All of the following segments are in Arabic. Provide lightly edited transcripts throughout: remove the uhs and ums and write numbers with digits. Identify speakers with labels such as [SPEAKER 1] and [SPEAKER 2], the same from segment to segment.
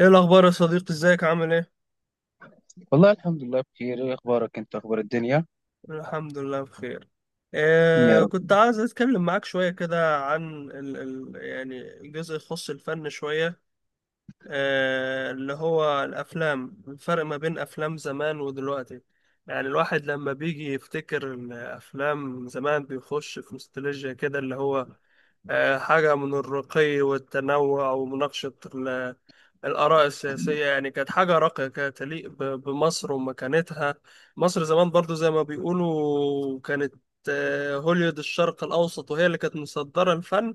[SPEAKER 1] ايه الاخبار يا صديقي، ازيك، عامل ايه؟
[SPEAKER 2] والله الحمد لله بخير. ايه اخبارك انت؟ اخبار الدنيا؟
[SPEAKER 1] الحمد لله بخير.
[SPEAKER 2] يا رب.
[SPEAKER 1] كنت عايز اتكلم معاك شويه كده عن ال ال يعني الجزء يخص الفن شويه. اللي هو الافلام، الفرق ما بين افلام زمان ودلوقتي. يعني الواحد لما بيجي يفتكر الافلام زمان بيخش في نوستالجيا كده، اللي هو حاجه من الرقي والتنوع ومناقشه الآراء السياسية. يعني كانت حاجة راقية كده تليق بمصر ومكانتها. مصر زمان برضو زي ما بيقولوا كانت هوليود الشرق الأوسط، وهي اللي كانت مصدرة الفن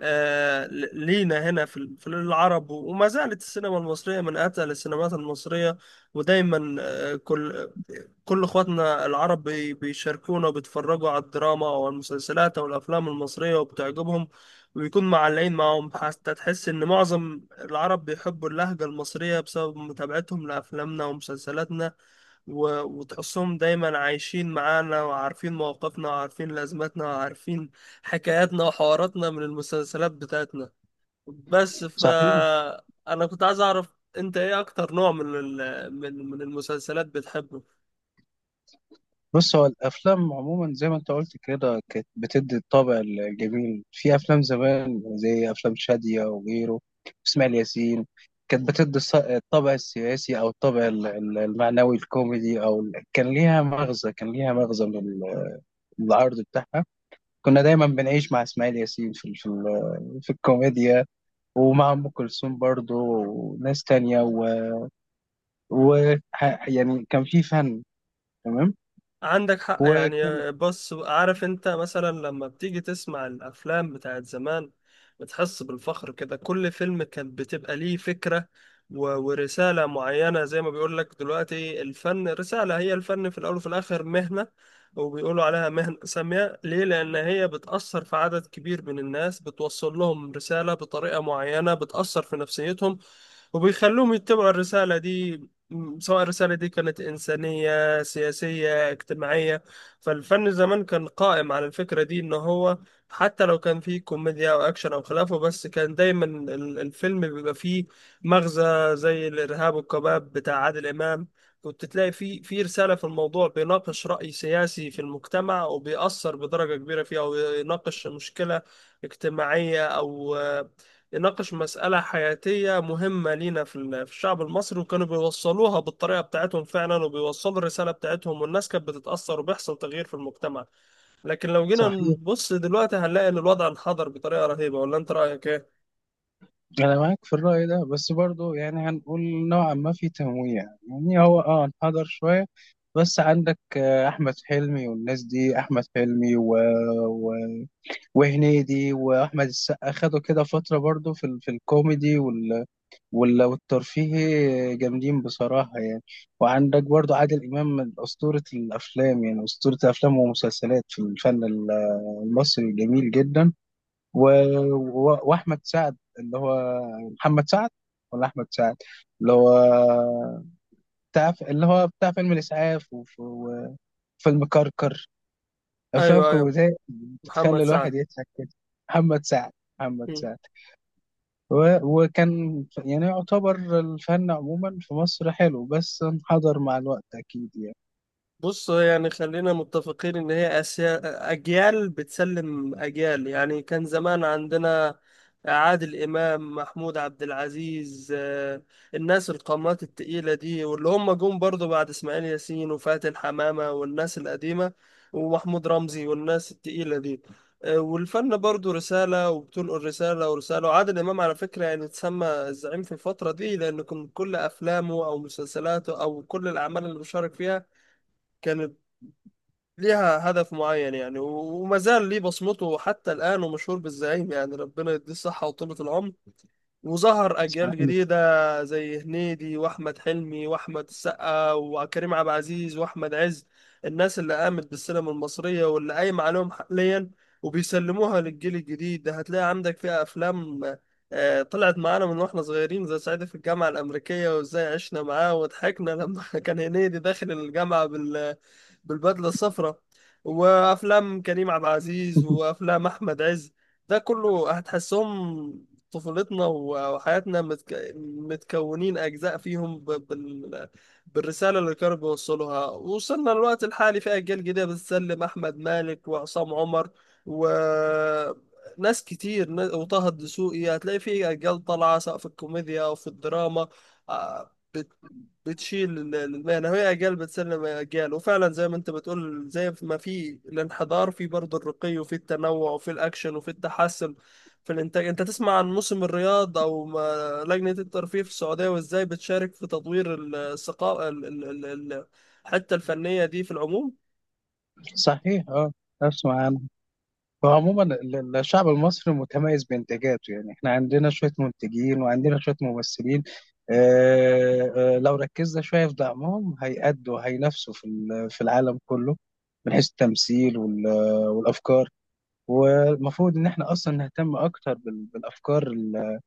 [SPEAKER 1] لينا هنا في العرب، وما زالت السينما المصرية من أتقل السينمات المصرية. ودايما كل اخواتنا العرب بيشاركونا وبيتفرجوا على الدراما او المسلسلات او الافلام المصريه وبتعجبهم، وبيكون معلقين معاهم حتى تحس ان معظم العرب بيحبوا اللهجه المصريه بسبب متابعتهم لافلامنا ومسلسلاتنا. و- وتحسهم دايما عايشين معانا وعارفين مواقفنا وعارفين لازماتنا وعارفين حكاياتنا وحواراتنا من المسلسلات بتاعتنا. بس
[SPEAKER 2] صحيح.
[SPEAKER 1] انا كنت عايز اعرف انت ايه اكتر نوع من ال- من من المسلسلات بتحبه؟
[SPEAKER 2] بص، هو الافلام عموما زي ما انت قلت كده كانت بتدي الطابع الجميل في افلام زمان، زي افلام شادية وغيره، اسماعيل ياسين. كانت بتدي الطابع السياسي او الطابع المعنوي الكوميدي، كان ليها مغزى. كان ليها مغزى من العرض بتاعها. كنا دايما بنعيش مع اسماعيل ياسين في في الكوميديا، ومع ام كلثوم برضه وناس تانية. يعني كان في فن. تمام.
[SPEAKER 1] عندك حق،
[SPEAKER 2] وكان
[SPEAKER 1] يعني بص، عارف انت مثلا لما بتيجي تسمع الافلام بتاعت زمان بتحس بالفخر كده، كل فيلم كان بتبقى ليه فكرة و- ورسالة معينة. زي ما بيقول لك دلوقتي الفن رسالة، هي الفن في الاول وفي الاخر مهنة، وبيقولوا عليها مهنة سامية ليه؟ لان هي بتأثر في عدد كبير من الناس، بتوصل لهم رسالة بطريقة معينة بتأثر في نفسيتهم وبيخلوهم يتبعوا الرسالة دي، سواء الرسالة دي كانت إنسانية سياسية اجتماعية. فالفن زمان كان قائم على الفكرة دي، إن هو حتى لو كان فيه كوميديا أو أكشن أو خلافه بس كان دايما الفيلم بيبقى فيه مغزى، زي الإرهاب والكباب بتاع عادل إمام، كنت تلاقي فيه في رسالة في الموضوع، بيناقش رأي سياسي في المجتمع وبيأثر بدرجة كبيرة فيه، أو يناقش مشكلة اجتماعية، أو يناقش مسألة حياتية مهمة لينا في الشعب المصري، وكانوا بيوصلوها بالطريقة بتاعتهم فعلا وبيوصلوا الرسالة بتاعتهم، والناس كانت بتتأثر وبيحصل تغيير في المجتمع. لكن لو جينا
[SPEAKER 2] صحيح.
[SPEAKER 1] نبص دلوقتي هنلاقي إن الوضع انحدر بطريقة رهيبة، ولا أنت رأيك إيه؟
[SPEAKER 2] انا معاك في الرأي ده، بس برضو يعني هنقول نوعا ما في تنويع. يعني هو اه انحدر شوية، بس عندك احمد حلمي والناس دي. احمد حلمي و... و... وهنيدي واحمد السقا خدوا كده فترة برضو في الكوميدي والترفيهي، جامدين بصراحة يعني. وعندك برضو عادل امام، من اسطورة الافلام. يعني اسطورة الافلام ومسلسلات في الفن المصري جميل جدا. و... و... واحمد سعد اللي هو محمد سعد ولا احمد سعد، اللي هو بتاع اللي هو بتاع فيلم الاسعاف وفيلم كركر، افلام
[SPEAKER 1] أيوه، أيوه.
[SPEAKER 2] كوميديه
[SPEAKER 1] محمد
[SPEAKER 2] بتخلي
[SPEAKER 1] سعد.
[SPEAKER 2] الواحد يضحك كده. محمد سعد محمد سعد. وكان يعني يعتبر الفن عموما في مصر حلو، بس انحدر مع الوقت اكيد يعني.
[SPEAKER 1] بص، يعني خلينا متفقين ان هي أسيا، اجيال بتسلم اجيال. يعني كان زمان عندنا عادل امام، محمود عبد العزيز، الناس القامات التقيلة دي، واللي هم جم برضو بعد اسماعيل ياسين وفاتن حمامة والناس القديمة ومحمود رمزي والناس التقيلة دي. والفن برضو رسالة وبتنقل رسالة ورسالة. وعادل إمام على فكرة يعني اتسمى الزعيم في الفترة دي لأن كان كل أفلامه أو مسلسلاته أو كل الأعمال اللي بيشارك فيها كانت ليها هدف معين. يعني وما زال ليه بصمته حتى الآن ومشهور بالزعيم، يعني ربنا يديه الصحة وطولة العمر. وظهر أجيال
[SPEAKER 2] صحيح.
[SPEAKER 1] جديدة زي هنيدي وأحمد حلمي وأحمد السقا وكريم عبد العزيز وأحمد عز، الناس اللي قامت بالسينما المصرية واللي قايمة عليهم حاليا وبيسلموها للجيل الجديد ده. هتلاقي عندك فيها أفلام طلعت معانا من واحنا صغيرين زي صعيدي في الجامعة الأمريكية، وإزاي عشنا معاه وضحكنا لما كان هنيدي داخل الجامعة بالبدلة الصفراء. وأفلام كريم عبد العزيز وأفلام أحمد عز، ده كله هتحسهم طفولتنا وحياتنا، متكونين أجزاء فيهم بالرسالة اللي كانوا بيوصلوها. وصلنا للوقت الحالي في أجيال جديدة بتسلم، أحمد مالك وعصام عمر و ناس كتير، وطه الدسوقي. هتلاقي في أجيال طالعة سواء في الكوميديا أو في الدراما، آه، بت... بتشيل المهنة، وهي أجيال بتسلم أجيال. وفعلا زي ما أنت بتقول زي ما في الانحدار في برضه الرقي وفي التنوع وفي الأكشن وفي التحسن في الإنتاج. أنت تسمع عن موسم الرياض أو ما- لجنة الترفيه في السعودية وإزاي بتشارك في تطوير ال- الثقافة ال- ال- ال- ال- الحتة الفنية دي في العموم.
[SPEAKER 2] صحيح اه. اسمع، فعموما الشعب المصري متميز بإنتاجاته. يعني احنا عندنا شوية منتجين وعندنا شوية ممثلين. اه اه لو ركزنا شوية في دعمهم هيأدوا، هينافسوا في العالم كله، من حيث التمثيل والأفكار. والمفروض إن احنا أصلا نهتم أكتر بالأفكار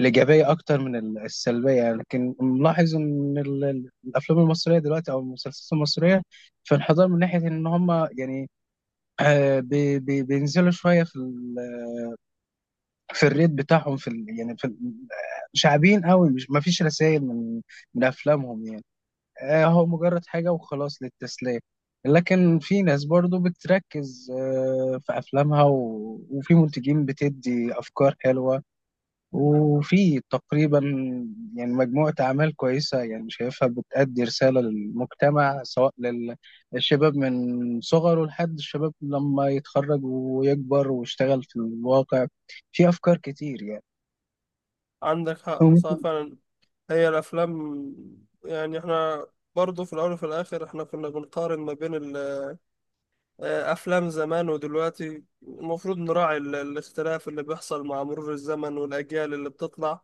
[SPEAKER 2] الإيجابية أكتر من السلبية يعني. لكن ملاحظ إن الأفلام المصرية دلوقتي أو المسلسلات المصرية في انحدار، من ناحية إن هم يعني بينزلوا شوية في في الريت بتاعهم يعني شعبيين قوي. مش ما فيش رسائل من من افلامهم يعني. هو مجرد حاجه وخلاص للتسليه. لكن في ناس برضو بتركز في افلامها، وفي منتجين بتدي افكار حلوه. وفي تقريبا يعني مجموعه اعمال كويسه، يعني شايفها بتأدي رساله للمجتمع، سواء للشباب من صغره لحد الشباب لما يتخرج ويكبر ويشتغل في الواقع. في افكار كتير يعني.
[SPEAKER 1] عندك
[SPEAKER 2] أو
[SPEAKER 1] حق، صح
[SPEAKER 2] ممكن-
[SPEAKER 1] فعلا. هي الأفلام، يعني إحنا برضه في الأول وفي الآخر إحنا كنا بنقارن ما بين أفلام زمان ودلوقتي، المفروض نراعي الاختلاف اللي بيحصل مع مرور الزمن والأجيال اللي بتطلع.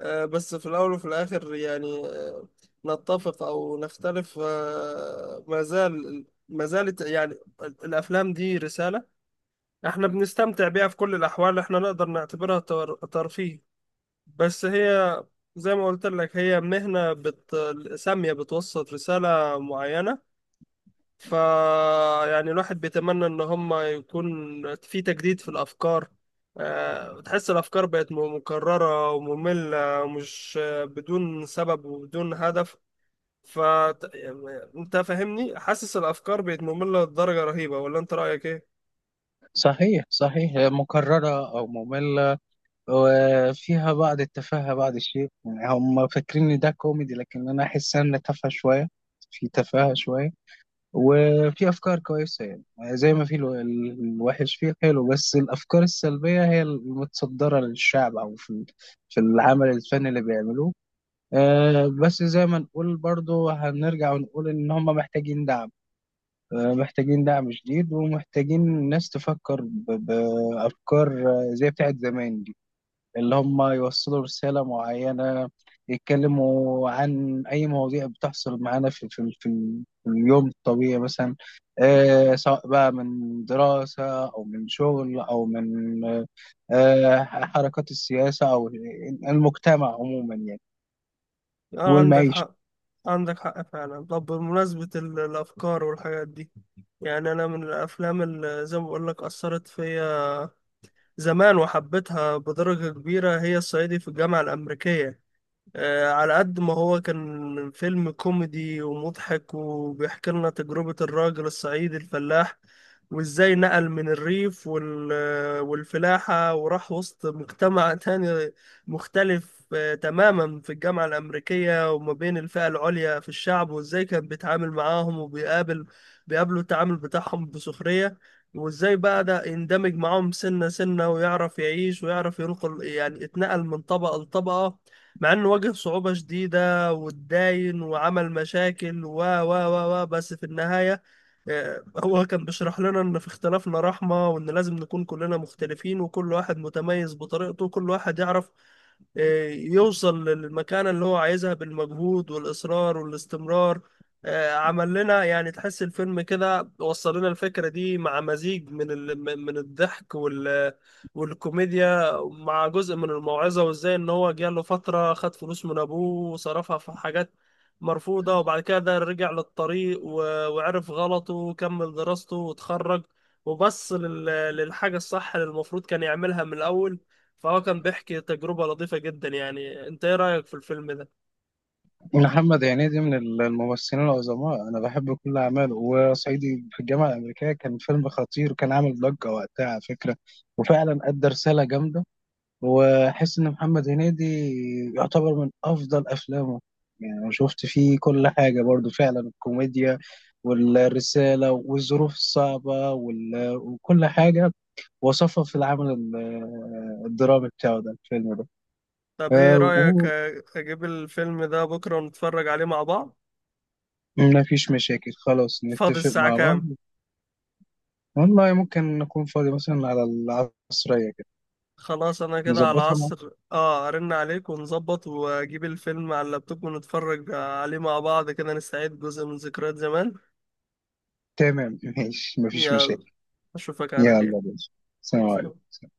[SPEAKER 1] بس في الأول وفي الآخر يعني، نتفق أو نختلف، ما زال ما زالت، يعني الأفلام دي رسالة. احنا بنستمتع بيها في كل الأحوال، احنا نقدر نعتبرها ترفيه. بس هي زي ما قلت لك هي مهنة سامية بتوصل رسالة معينة. ف يعني الواحد بيتمنى ان هم يكون في تجديد في الافكار. تحس الافكار بقت مكرره وممله ومش بدون سبب وبدون هدف. ف انت فاهمني، حاسس الافكار بقت ممله لدرجه رهيبه، ولا انت رايك ايه؟
[SPEAKER 2] صحيح صحيح، مكررة أو مملة، وفيها بعض التفاهة بعض الشيء. يعني هم فاكرين إن ده كوميدي، لكن أنا أحس إن تافهة شوية. في تفاهة شوية وفي أفكار كويسة يعني. زي ما في الوحش فيه حلو، بس الأفكار السلبية هي المتصدرة للشعب أو في العمل الفني اللي بيعملوه. بس زي ما نقول برضو، هنرجع ونقول إن هم محتاجين دعم. محتاجين دعم شديد، ومحتاجين ناس تفكر بأفكار زي بتاعت زمان دي، اللي هم يوصلوا رسالة معينة. يتكلموا عن أي مواضيع بتحصل معانا في اليوم الطبيعي مثلا. سواء بقى من دراسة أو من شغل أو من آه، حركات السياسة أو المجتمع عموما يعني،
[SPEAKER 1] اه، عندك
[SPEAKER 2] والمعيشة.
[SPEAKER 1] حق، عندك حق فعلا. طب بمناسبة الأفكار والحاجات دي، يعني أنا من الأفلام اللي زي ما بقول لك أثرت فيا زمان وحبيتها بدرجة كبيرة هي الصعيدي في الجامعة الأمريكية. على قد ما هو كان فيلم كوميدي ومضحك وبيحكي لنا تجربة الراجل الصعيدي الفلاح، وازاي نقل من الريف والفلاحة وراح وسط مجتمع تاني مختلف تماما في الجامعة الأمريكية، وما بين الفئة العليا في الشعب، وازاي كان بيتعامل معاهم بيقابلوا التعامل بتاعهم بسخرية، وازاي بدأ يندمج معاهم سنة سنة ويعرف يعيش ويعرف ينقل، يعني اتنقل من طبقة لطبقة مع انه واجه صعوبة شديدة واتداين وعمل مشاكل و و و و بس في النهاية هو كان بيشرح لنا ان في اختلافنا رحمة، وان لازم نكون كلنا مختلفين وكل واحد متميز بطريقته، وكل واحد يعرف يوصل للمكانة اللي هو عايزها بالمجهود والإصرار والاستمرار. عمل لنا، يعني تحس الفيلم كده وصل لنا الفكرة دي مع مزيج من الضحك والكوميديا، مع جزء من الموعظة. وإزاي إن هو جاله فترة خد فلوس من أبوه وصرفها في حاجات مرفوضة، وبعد كده رجع للطريق و... وعرف غلطه وكمل دراسته واتخرج، وبص للحاجة الصح اللي المفروض كان يعملها من الأول. فهو كان بيحكي تجربة لطيفة جدا. يعني انت ايه رأيك في الفيلم ده؟
[SPEAKER 2] محمد هنيدي من الممثلين العظماء، انا بحب كل اعماله. وصعيدي في الجامعه الامريكيه كان فيلم خطير، وكان عامل ضجه وقتها على فكره. وفعلا ادى رساله جامده. واحس ان محمد هنيدي يعتبر من افضل افلامه. يعني أنا شفت فيه كل حاجه برضو، فعلا الكوميديا والرساله والظروف الصعبه وكل حاجه وصفها في العمل الدرامي بتاعه، ده الفيلم ده.
[SPEAKER 1] طب ايه
[SPEAKER 2] آه،
[SPEAKER 1] رأيك اجيب الفيلم ده بكرة ونتفرج عليه مع بعض؟
[SPEAKER 2] وما فيش مشاكل، خلاص
[SPEAKER 1] فاضي
[SPEAKER 2] نتفق
[SPEAKER 1] الساعة
[SPEAKER 2] مع بعض.
[SPEAKER 1] كام؟
[SPEAKER 2] والله ممكن نكون فاضي مثلا على العصرية كده.
[SPEAKER 1] خلاص، انا كده على
[SPEAKER 2] نظبطها مع.
[SPEAKER 1] العصر، ارن عليك ونظبط واجيب الفيلم على اللابتوب ونتفرج عليه مع بعض كده، نستعيد جزء من ذكريات زمان.
[SPEAKER 2] تمام. ماشي، مفيش
[SPEAKER 1] يلا،
[SPEAKER 2] مشاكل.
[SPEAKER 1] اشوفك على
[SPEAKER 2] يلا
[SPEAKER 1] خير.
[SPEAKER 2] بينا. سلام عليكم.